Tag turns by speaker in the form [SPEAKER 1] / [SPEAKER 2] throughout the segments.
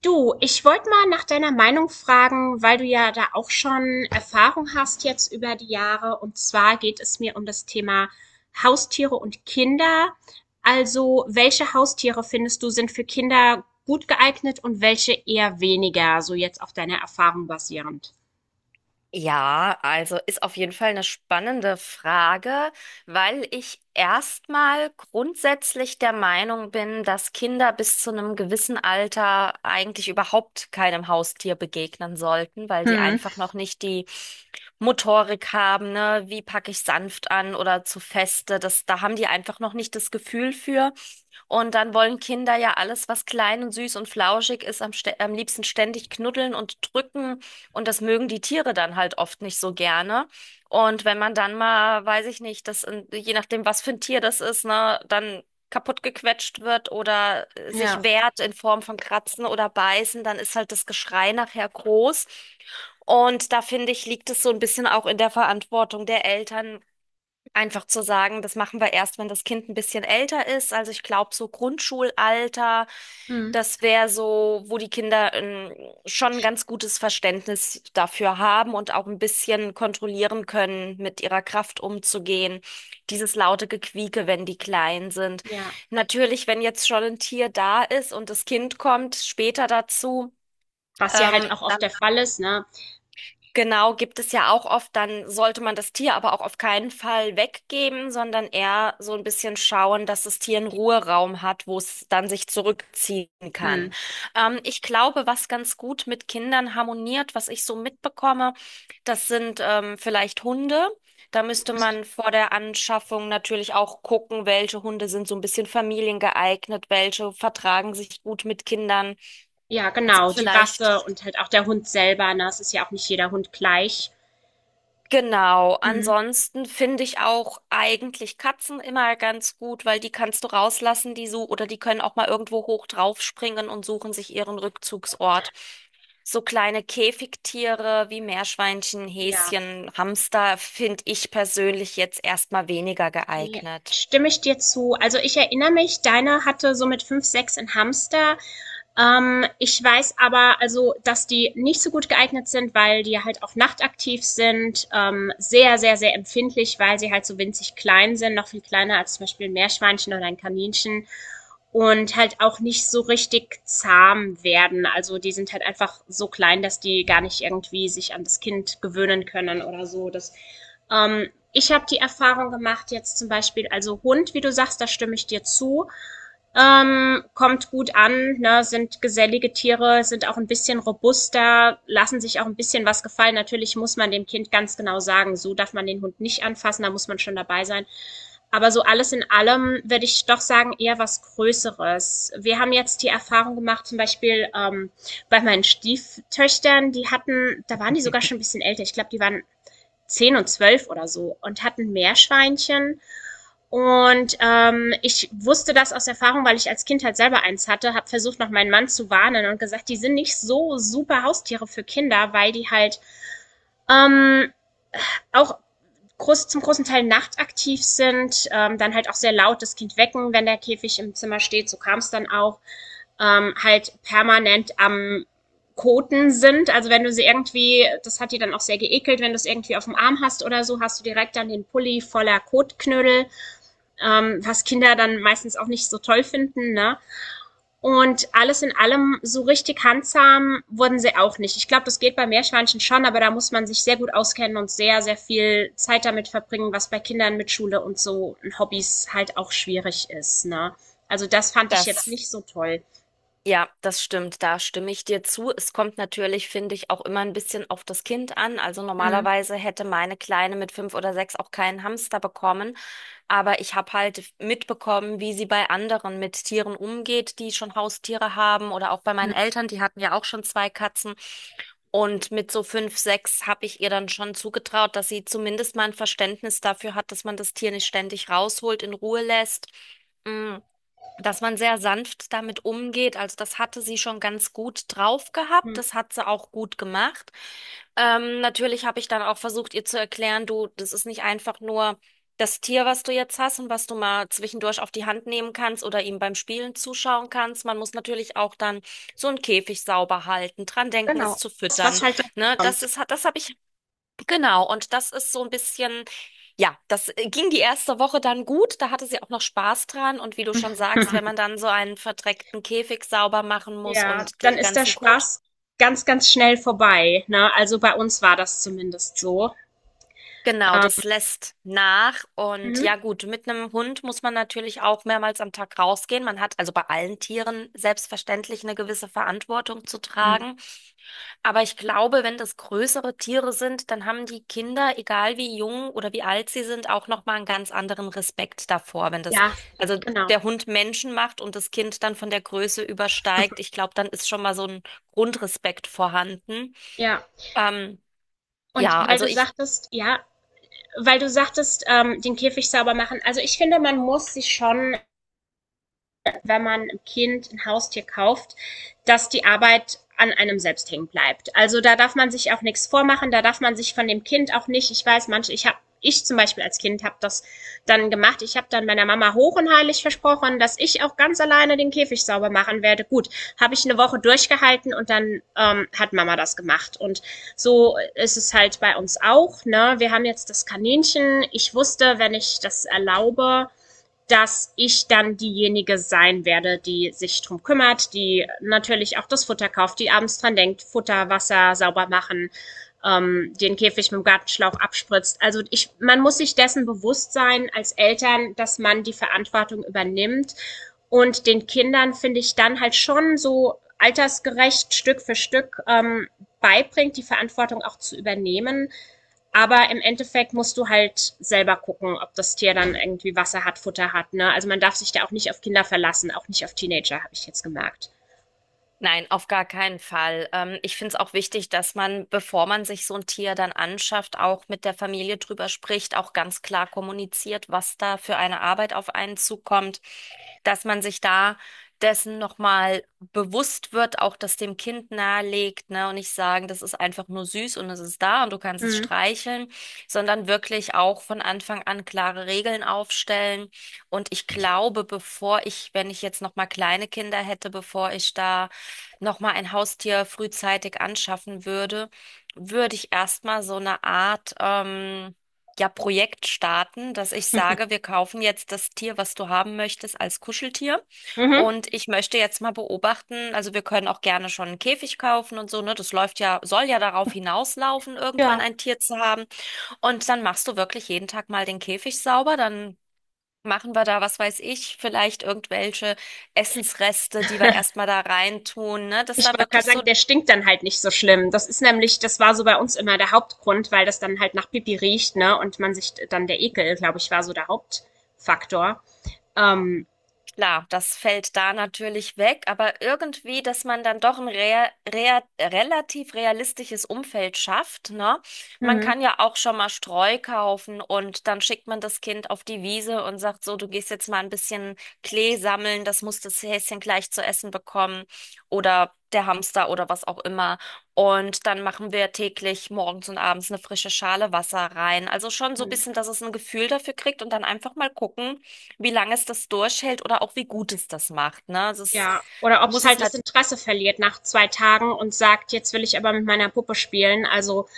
[SPEAKER 1] Du, ich wollte mal nach deiner Meinung fragen, weil du ja da auch schon Erfahrung hast jetzt über die Jahre. Und zwar geht es mir um das Thema Haustiere und Kinder. Also, welche Haustiere findest du sind für Kinder gut geeignet und welche eher weniger, so jetzt auf deiner Erfahrung basierend?
[SPEAKER 2] Ja, also ist auf jeden Fall eine spannende Frage, weil ich erstmal grundsätzlich der Meinung bin, dass Kinder bis zu einem gewissen Alter eigentlich überhaupt keinem Haustier begegnen sollten, weil sie
[SPEAKER 1] Hm,
[SPEAKER 2] einfach noch nicht die Motorik haben, ne? Wie packe ich sanft an oder zu feste? Das, da haben die einfach noch nicht das Gefühl für. Und dann wollen Kinder ja alles, was klein und süß und flauschig ist, am liebsten ständig knuddeln und drücken. Und das mögen die Tiere dann halt oft nicht so gerne. Und wenn man dann mal, weiß ich nicht, je nachdem, was für ein Tier das ist, ne, dann kaputt gequetscht wird oder sich
[SPEAKER 1] ja.
[SPEAKER 2] wehrt in Form von Kratzen oder Beißen, dann ist halt das Geschrei nachher groß. Und da finde ich, liegt es so ein bisschen auch in der Verantwortung der Eltern, einfach zu sagen, das machen wir erst, wenn das Kind ein bisschen älter ist. Also ich glaube, so Grundschulalter,
[SPEAKER 1] Hm.
[SPEAKER 2] das wäre so, wo die Kinder schon ein ganz gutes Verständnis dafür haben und auch ein bisschen kontrollieren können, mit ihrer Kraft umzugehen. Dieses laute Gequieke, wenn die klein sind.
[SPEAKER 1] Ja,
[SPEAKER 2] Natürlich, wenn jetzt schon ein Tier da ist und das Kind kommt später dazu,
[SPEAKER 1] was ja halt auch oft
[SPEAKER 2] dann
[SPEAKER 1] der Fall ist, ne?
[SPEAKER 2] genau, gibt es ja auch oft, dann sollte man das Tier aber auch auf keinen Fall weggeben, sondern eher so ein bisschen schauen, dass das Tier einen Ruheraum hat, wo es dann sich zurückziehen kann.
[SPEAKER 1] Hm.
[SPEAKER 2] Ich glaube, was ganz gut mit Kindern harmoniert, was ich so mitbekomme, das sind vielleicht Hunde. Da müsste man vor der Anschaffung natürlich auch gucken, welche Hunde sind so ein bisschen familiengeeignet, welche vertragen sich gut mit Kindern,
[SPEAKER 1] Ja,
[SPEAKER 2] sind
[SPEAKER 1] genau, die
[SPEAKER 2] vielleicht
[SPEAKER 1] Rasse und halt auch der Hund selber, ne? Es ist ja auch nicht jeder Hund gleich.
[SPEAKER 2] genau,
[SPEAKER 1] Hm.
[SPEAKER 2] ansonsten finde ich auch eigentlich Katzen immer ganz gut, weil die kannst du rauslassen, die so, oder die können auch mal irgendwo hoch draufspringen und suchen sich ihren Rückzugsort. So kleine Käfigtiere wie Meerschweinchen,
[SPEAKER 1] Ja.
[SPEAKER 2] Häschen, Hamster finde ich persönlich jetzt erstmal weniger
[SPEAKER 1] Ne,
[SPEAKER 2] geeignet.
[SPEAKER 1] stimme ich dir zu. Also, ich erinnere mich, deiner hatte so mit 5 6 'n Hamster. Ich weiß aber also, dass die nicht so gut geeignet sind, weil die halt auch nachtaktiv sind, sehr, sehr, sehr empfindlich, weil sie halt so winzig klein sind, noch viel kleiner als zum Beispiel ein Meerschweinchen oder ein Kaninchen und halt auch nicht so richtig zahm werden. Also die sind halt einfach so klein, dass die gar nicht irgendwie sich an das Kind gewöhnen können oder so. Ich habe die Erfahrung gemacht, jetzt zum Beispiel, also Hund, wie du sagst, da stimme ich dir zu. Kommt gut an, ne, sind gesellige Tiere, sind auch ein bisschen robuster, lassen sich auch ein bisschen was gefallen. Natürlich muss man dem Kind ganz genau sagen, so darf man den Hund nicht anfassen, da muss man schon dabei sein. Aber so alles in allem würde ich doch sagen, eher was Größeres. Wir haben jetzt die Erfahrung gemacht, zum Beispiel bei meinen Stieftöchtern, die hatten, da waren die sogar schon ein bisschen älter, ich glaube, die waren 10 und 12 oder so und hatten Meerschweinchen. Und ich wusste das aus Erfahrung, weil ich als Kind halt selber eins hatte, habe versucht, noch meinen Mann zu warnen und gesagt, die sind nicht so super Haustiere für Kinder, weil die halt ähm, auch groß, zum großen Teil nachtaktiv sind, dann halt auch sehr laut das Kind wecken, wenn der Käfig im Zimmer steht, so kam es dann auch, halt permanent am Koten sind. Also wenn du sie irgendwie, das hat die dann auch sehr geekelt, wenn du es irgendwie auf dem Arm hast oder so, hast du direkt dann den Pulli voller Kotknödel, was Kinder dann meistens auch nicht so toll finden. Ne? Und alles in allem, so richtig handsam wurden sie auch nicht. Ich glaube, das geht bei Meerschweinchen schon, aber da muss man sich sehr gut auskennen und sehr, sehr viel Zeit damit verbringen, was bei Kindern mit Schule und so Hobbys halt auch schwierig ist, ne? Also das fand ich jetzt
[SPEAKER 2] Das,
[SPEAKER 1] nicht so toll.
[SPEAKER 2] ja, das stimmt, da stimme ich dir zu. Es kommt natürlich, finde ich, auch immer ein bisschen auf das Kind an. Also normalerweise hätte meine Kleine mit 5 oder 6 auch keinen Hamster bekommen. Aber ich habe halt mitbekommen, wie sie bei anderen mit Tieren umgeht, die schon Haustiere haben oder auch bei meinen Eltern, die hatten ja auch schon zwei Katzen. Und mit so 5, 6 habe ich ihr dann schon zugetraut, dass sie zumindest mal ein Verständnis dafür hat, dass man das Tier nicht ständig rausholt, in Ruhe lässt. Mm, Dass man sehr sanft damit umgeht. Also das hatte sie schon ganz gut drauf gehabt.
[SPEAKER 1] Mhm.
[SPEAKER 2] Das hat sie auch gut gemacht. Natürlich habe ich dann auch versucht, ihr zu erklären, du, das ist nicht einfach nur das Tier, was du jetzt hast und was du mal zwischendurch auf die Hand nehmen kannst oder ihm beim Spielen zuschauen kannst. Man muss natürlich auch dann so einen Käfig sauber halten, dran denken, es zu
[SPEAKER 1] Das, was
[SPEAKER 2] füttern.
[SPEAKER 1] halt dann
[SPEAKER 2] Ne, das
[SPEAKER 1] kommt.
[SPEAKER 2] ist, das habe ich genau, und das ist so ein bisschen, ja, das ging die erste Woche dann gut, da hatte sie auch noch Spaß dran und wie du schon sagst, wenn man dann so einen verdreckten Käfig sauber machen muss
[SPEAKER 1] Ja,
[SPEAKER 2] und
[SPEAKER 1] dann
[SPEAKER 2] den
[SPEAKER 1] ist der
[SPEAKER 2] ganzen Kot,
[SPEAKER 1] Spaß ganz, ganz schnell vorbei, ne? Also bei uns war das zumindest so.
[SPEAKER 2] genau,
[SPEAKER 1] Ähm,
[SPEAKER 2] das lässt nach und ja
[SPEAKER 1] mhm.
[SPEAKER 2] gut, mit einem Hund muss man natürlich auch mehrmals am Tag rausgehen. Man hat also bei allen Tieren selbstverständlich eine gewisse Verantwortung zu tragen. Aber ich glaube, wenn das größere Tiere sind, dann haben die Kinder, egal wie jung oder wie alt sie sind, auch noch mal einen ganz anderen Respekt davor, wenn das
[SPEAKER 1] Ja,
[SPEAKER 2] also
[SPEAKER 1] genau.
[SPEAKER 2] der Hund Menschen macht und das Kind dann von der Größe übersteigt. Ich glaube, dann ist schon mal so ein Grundrespekt vorhanden.
[SPEAKER 1] Ja.
[SPEAKER 2] Ähm,
[SPEAKER 1] Und
[SPEAKER 2] ja,
[SPEAKER 1] weil
[SPEAKER 2] also
[SPEAKER 1] du
[SPEAKER 2] ich
[SPEAKER 1] sagtest, ja, weil du sagtest, den Käfig sauber machen. Also ich finde, man muss sich schon wenn man einem Kind ein Haustier kauft, dass die Arbeit an einem selbst hängen bleibt. Also da darf man sich auch nichts vormachen, da darf man sich von dem Kind auch nicht, ich weiß, manche, ich zum Beispiel als Kind habe das dann gemacht. Ich habe dann meiner Mama hoch und heilig versprochen, dass ich auch ganz alleine den Käfig sauber machen werde. Gut, habe ich eine Woche durchgehalten und dann hat Mama das gemacht. Und so ist es halt bei uns auch. Ne? Wir haben jetzt das Kaninchen. Ich wusste, wenn ich das erlaube, dass ich dann diejenige sein werde, die sich drum kümmert, die natürlich auch das Futter kauft, die abends dran denkt, Futter, Wasser sauber machen, den Käfig mit dem Gartenschlauch abspritzt. Also ich, man muss sich dessen bewusst sein als Eltern, dass man die Verantwortung übernimmt und den Kindern finde ich dann halt schon so altersgerecht Stück für Stück beibringt, die Verantwortung auch zu übernehmen aber im Endeffekt musst du halt selber gucken, ob das Tier dann irgendwie Wasser hat, Futter hat. Ne? Also man darf sich da auch nicht auf Kinder verlassen, auch nicht auf Teenager, habe ich jetzt gemerkt.
[SPEAKER 2] nein, auf gar keinen Fall. Ich finde es auch wichtig, dass man, bevor man sich so ein Tier dann anschafft, auch mit der Familie drüber spricht, auch ganz klar kommuniziert, was da für eine Arbeit auf einen zukommt, dass man sich da dessen nochmal bewusst wird, auch das dem Kind nahelegt, ne, und nicht sagen, das ist einfach nur süß und es ist da und du kannst es
[SPEAKER 1] Mhm.
[SPEAKER 2] streicheln, sondern wirklich auch von Anfang an klare Regeln aufstellen. Und ich glaube, bevor ich, wenn ich jetzt nochmal kleine Kinder hätte, bevor ich da nochmal ein Haustier frühzeitig anschaffen würde, würde ich erstmal so eine Art, ja, Projekt starten, dass ich sage, wir kaufen jetzt das Tier, was du haben möchtest, als Kuscheltier.
[SPEAKER 1] Mhm.
[SPEAKER 2] Und ich möchte jetzt mal beobachten, also wir können auch gerne schon einen Käfig kaufen und so, ne? Das läuft ja, soll ja darauf hinauslaufen, irgendwann
[SPEAKER 1] Ja.
[SPEAKER 2] ein Tier zu haben. Und dann machst du wirklich jeden Tag mal den Käfig sauber, dann machen wir da, was weiß ich, vielleicht irgendwelche Essensreste, die wir erstmal da reintun, ne? Dass
[SPEAKER 1] Ich
[SPEAKER 2] da
[SPEAKER 1] wollte gerade
[SPEAKER 2] wirklich
[SPEAKER 1] sagen,
[SPEAKER 2] so
[SPEAKER 1] der stinkt dann halt nicht so schlimm. Das ist nämlich, das war so bei uns immer der Hauptgrund, weil das dann halt nach Pipi riecht, ne? Und man sich dann der Ekel, glaube ich, war so der Hauptfaktor. Ähm,
[SPEAKER 2] klar, das fällt da natürlich weg, aber irgendwie, dass man dann doch ein rea rea relativ realistisches Umfeld schafft, ne? Man
[SPEAKER 1] Mhm.
[SPEAKER 2] kann ja auch schon mal Streu kaufen und dann schickt man das Kind auf die Wiese und sagt so, du gehst jetzt mal ein bisschen Klee sammeln, das muss das Häschen gleich zu essen bekommen oder der Hamster oder was auch immer. Und dann machen wir täglich morgens und abends eine frische Schale Wasser rein. Also schon so ein bisschen, dass es ein Gefühl dafür kriegt und dann einfach mal gucken, wie lange es das durchhält oder auch wie gut es das macht, ne? Also es
[SPEAKER 1] Ja, oder ob es
[SPEAKER 2] muss es
[SPEAKER 1] halt das
[SPEAKER 2] nicht.
[SPEAKER 1] Interesse verliert nach 2 Tagen und sagt: „Jetzt will ich aber mit meiner Puppe spielen.“ Also,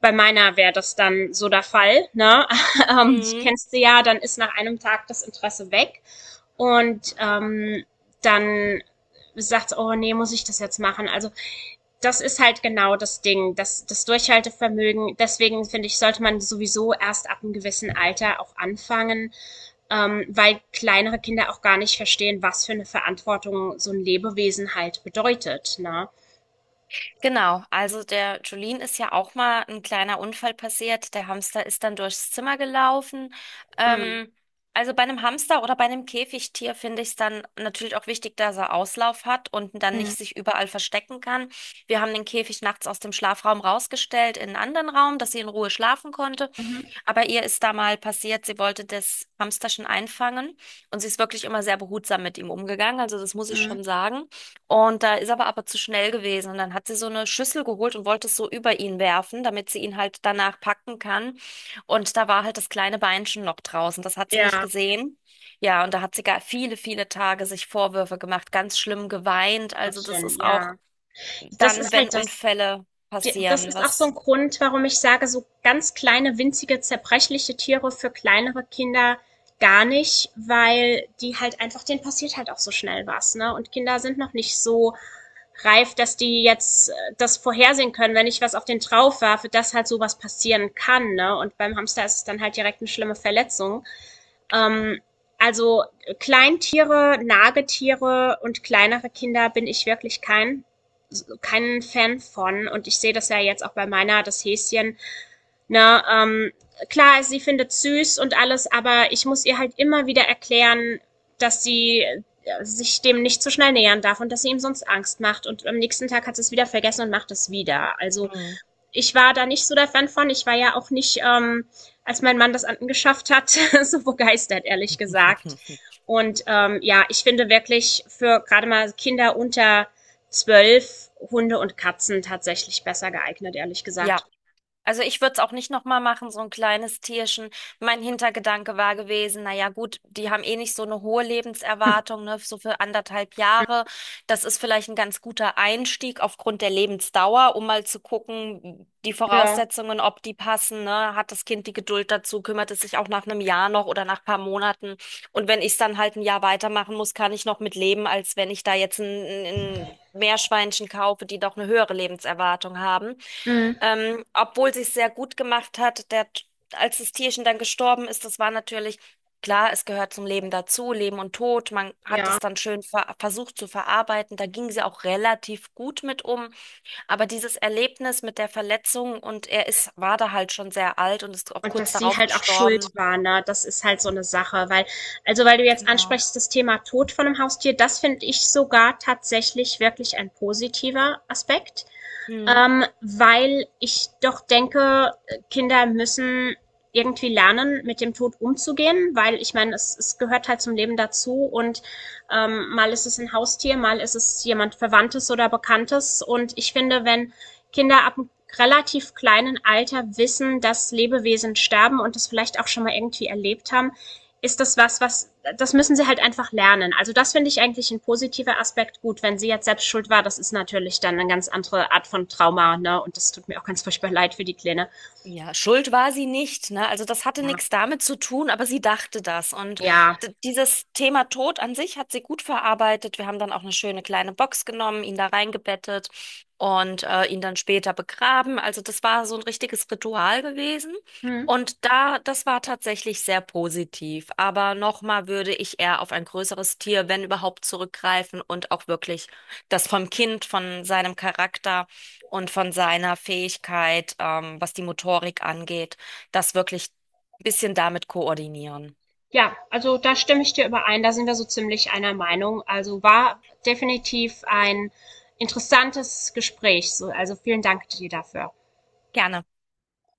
[SPEAKER 1] bei meiner wäre das dann so der Fall, ne? Ich
[SPEAKER 2] Mhm.
[SPEAKER 1] kennst du ja, dann ist nach einem Tag das Interesse weg. Und dann sagt, oh nee, muss ich das jetzt machen? Also das ist halt genau das Ding, das, das Durchhaltevermögen. Deswegen finde ich, sollte man sowieso erst ab einem gewissen Alter auch anfangen, weil kleinere Kinder auch gar nicht verstehen, was für eine Verantwortung so ein Lebewesen halt bedeutet. Ne?
[SPEAKER 2] Genau, also der Jolene ist ja auch mal ein kleiner Unfall passiert. Der Hamster ist dann durchs Zimmer gelaufen.
[SPEAKER 1] Mm,
[SPEAKER 2] Ähm, also bei einem Hamster oder bei einem Käfigtier finde ich es dann natürlich auch wichtig, dass er Auslauf hat und dann
[SPEAKER 1] mm,
[SPEAKER 2] nicht sich überall verstecken kann. Wir haben den Käfig nachts aus dem Schlafraum rausgestellt in einen anderen Raum, dass sie in Ruhe schlafen konnte.
[SPEAKER 1] mhm,
[SPEAKER 2] Aber ihr ist da mal passiert, sie wollte das Hamsterchen einfangen und sie ist wirklich immer sehr behutsam mit ihm umgegangen, also das muss ich
[SPEAKER 1] mm.
[SPEAKER 2] schon sagen. Und da ist aber zu schnell gewesen und dann hat sie so eine Schüssel geholt und wollte es so über ihn werfen, damit sie ihn halt danach packen kann. Und da war halt das kleine Beinchen noch draußen, das hat sie nicht
[SPEAKER 1] Ja,
[SPEAKER 2] gesehen. Ja, und da hat sie gar viele, viele Tage sich Vorwürfe gemacht, ganz schlimm geweint. Also das
[SPEAKER 1] Gottchen,
[SPEAKER 2] ist auch
[SPEAKER 1] ja. Das
[SPEAKER 2] dann,
[SPEAKER 1] ist
[SPEAKER 2] wenn
[SPEAKER 1] halt das
[SPEAKER 2] Unfälle
[SPEAKER 1] Die- Das
[SPEAKER 2] passieren,
[SPEAKER 1] ist auch so ein Grund, warum ich sage, so ganz kleine, winzige, zerbrechliche Tiere für kleinere Kinder gar nicht, weil die halt einfach, denen passiert halt auch so schnell was, ne? Und Kinder sind noch nicht so reif, dass die jetzt das vorhersehen können, wenn ich was auf den drauf werfe, dass halt sowas passieren kann, ne? Und beim Hamster ist es dann halt direkt eine schlimme Verletzung. Ähm, also Kleintiere, Nagetiere und kleinere Kinder bin ich wirklich kein Fan von und ich sehe das ja jetzt auch bei meiner, das Häschen. Ne, klar, sie findet süß und alles, aber ich muss ihr halt immer wieder erklären, dass sie sich dem nicht zu schnell nähern darf und dass sie ihm sonst Angst macht und am nächsten Tag hat sie es wieder vergessen und macht es wieder. Also
[SPEAKER 2] hm,
[SPEAKER 1] ich war da nicht so der Fan von. Ich war ja auch nicht, als mein Mann das angeschafft hat, so begeistert, ehrlich gesagt. Und ja, ich finde wirklich für gerade mal Kinder unter 12 Hunde und Katzen tatsächlich besser geeignet, ehrlich
[SPEAKER 2] ja.
[SPEAKER 1] gesagt.
[SPEAKER 2] Also ich würde es auch nicht nochmal machen, so ein kleines Tierchen. Mein Hintergedanke war gewesen, naja gut, die haben eh nicht so eine hohe Lebenserwartung, ne, so für anderthalb Jahre. Das ist vielleicht ein ganz guter Einstieg aufgrund der Lebensdauer, um mal zu gucken, die
[SPEAKER 1] Ja.
[SPEAKER 2] Voraussetzungen, ob die passen, ne? Hat das Kind die Geduld dazu, kümmert es sich auch nach einem Jahr noch oder nach paar Monaten. Und wenn ich es dann halt ein Jahr weitermachen muss, kann ich noch mit leben, als wenn ich da jetzt ein Meerschweinchen kaufe, die doch eine höhere Lebenserwartung haben.
[SPEAKER 1] Mhm.
[SPEAKER 2] Obwohl sie es sehr gut gemacht hat, der, als das Tierchen dann gestorben ist, das war natürlich klar, es gehört zum Leben dazu, Leben und Tod. Man hat
[SPEAKER 1] Ja.
[SPEAKER 2] das dann schön versucht zu verarbeiten. Da ging sie auch relativ gut mit um. Aber dieses Erlebnis mit der Verletzung und er ist, war da halt schon sehr alt und ist auch
[SPEAKER 1] Und
[SPEAKER 2] kurz
[SPEAKER 1] dass sie
[SPEAKER 2] darauf
[SPEAKER 1] halt auch schuld
[SPEAKER 2] gestorben.
[SPEAKER 1] war, ne? Das ist halt so eine Sache, weil, also weil du jetzt
[SPEAKER 2] Genau.
[SPEAKER 1] ansprichst, das Thema Tod von einem Haustier, das finde ich sogar tatsächlich wirklich ein positiver Aspekt.
[SPEAKER 2] Mhm.
[SPEAKER 1] Weil ich doch denke, Kinder müssen irgendwie lernen, mit dem Tod umzugehen, weil ich meine, es gehört halt zum Leben dazu und mal ist es ein Haustier, mal ist es jemand Verwandtes oder Bekanntes. Und ich finde, wenn Kinder ab einem relativ kleinen Alter wissen, dass Lebewesen sterben und das vielleicht auch schon mal irgendwie erlebt haben, ist das was, das müssen sie halt einfach lernen. Also das finde ich eigentlich ein positiver Aspekt. Gut, wenn sie jetzt selbst schuld war, das ist natürlich dann eine ganz andere Art von Trauma, ne? Und das tut mir auch ganz furchtbar leid für die Kleine.
[SPEAKER 2] Ja, schuld war sie nicht, ne? Also das hatte
[SPEAKER 1] Ja,
[SPEAKER 2] nichts damit zu tun, aber sie dachte das. Und
[SPEAKER 1] ja.
[SPEAKER 2] dieses Thema Tod an sich hat sie gut verarbeitet. Wir haben dann auch eine schöne kleine Box genommen, ihn da reingebettet und ihn dann später begraben. Also das war so ein richtiges Ritual gewesen.
[SPEAKER 1] Hm.
[SPEAKER 2] Und da, das war tatsächlich sehr positiv. Aber nochmal würde ich eher auf ein größeres Tier, wenn überhaupt, zurückgreifen und auch wirklich das vom Kind, von seinem Charakter und von seiner Fähigkeit, was die Motorik angeht, das wirklich ein bisschen damit koordinieren.
[SPEAKER 1] Ja, also da stimme ich dir überein, da sind wir so ziemlich einer Meinung. Also war definitiv ein interessantes Gespräch. So, also vielen Dank dir dafür.
[SPEAKER 2] Gerne.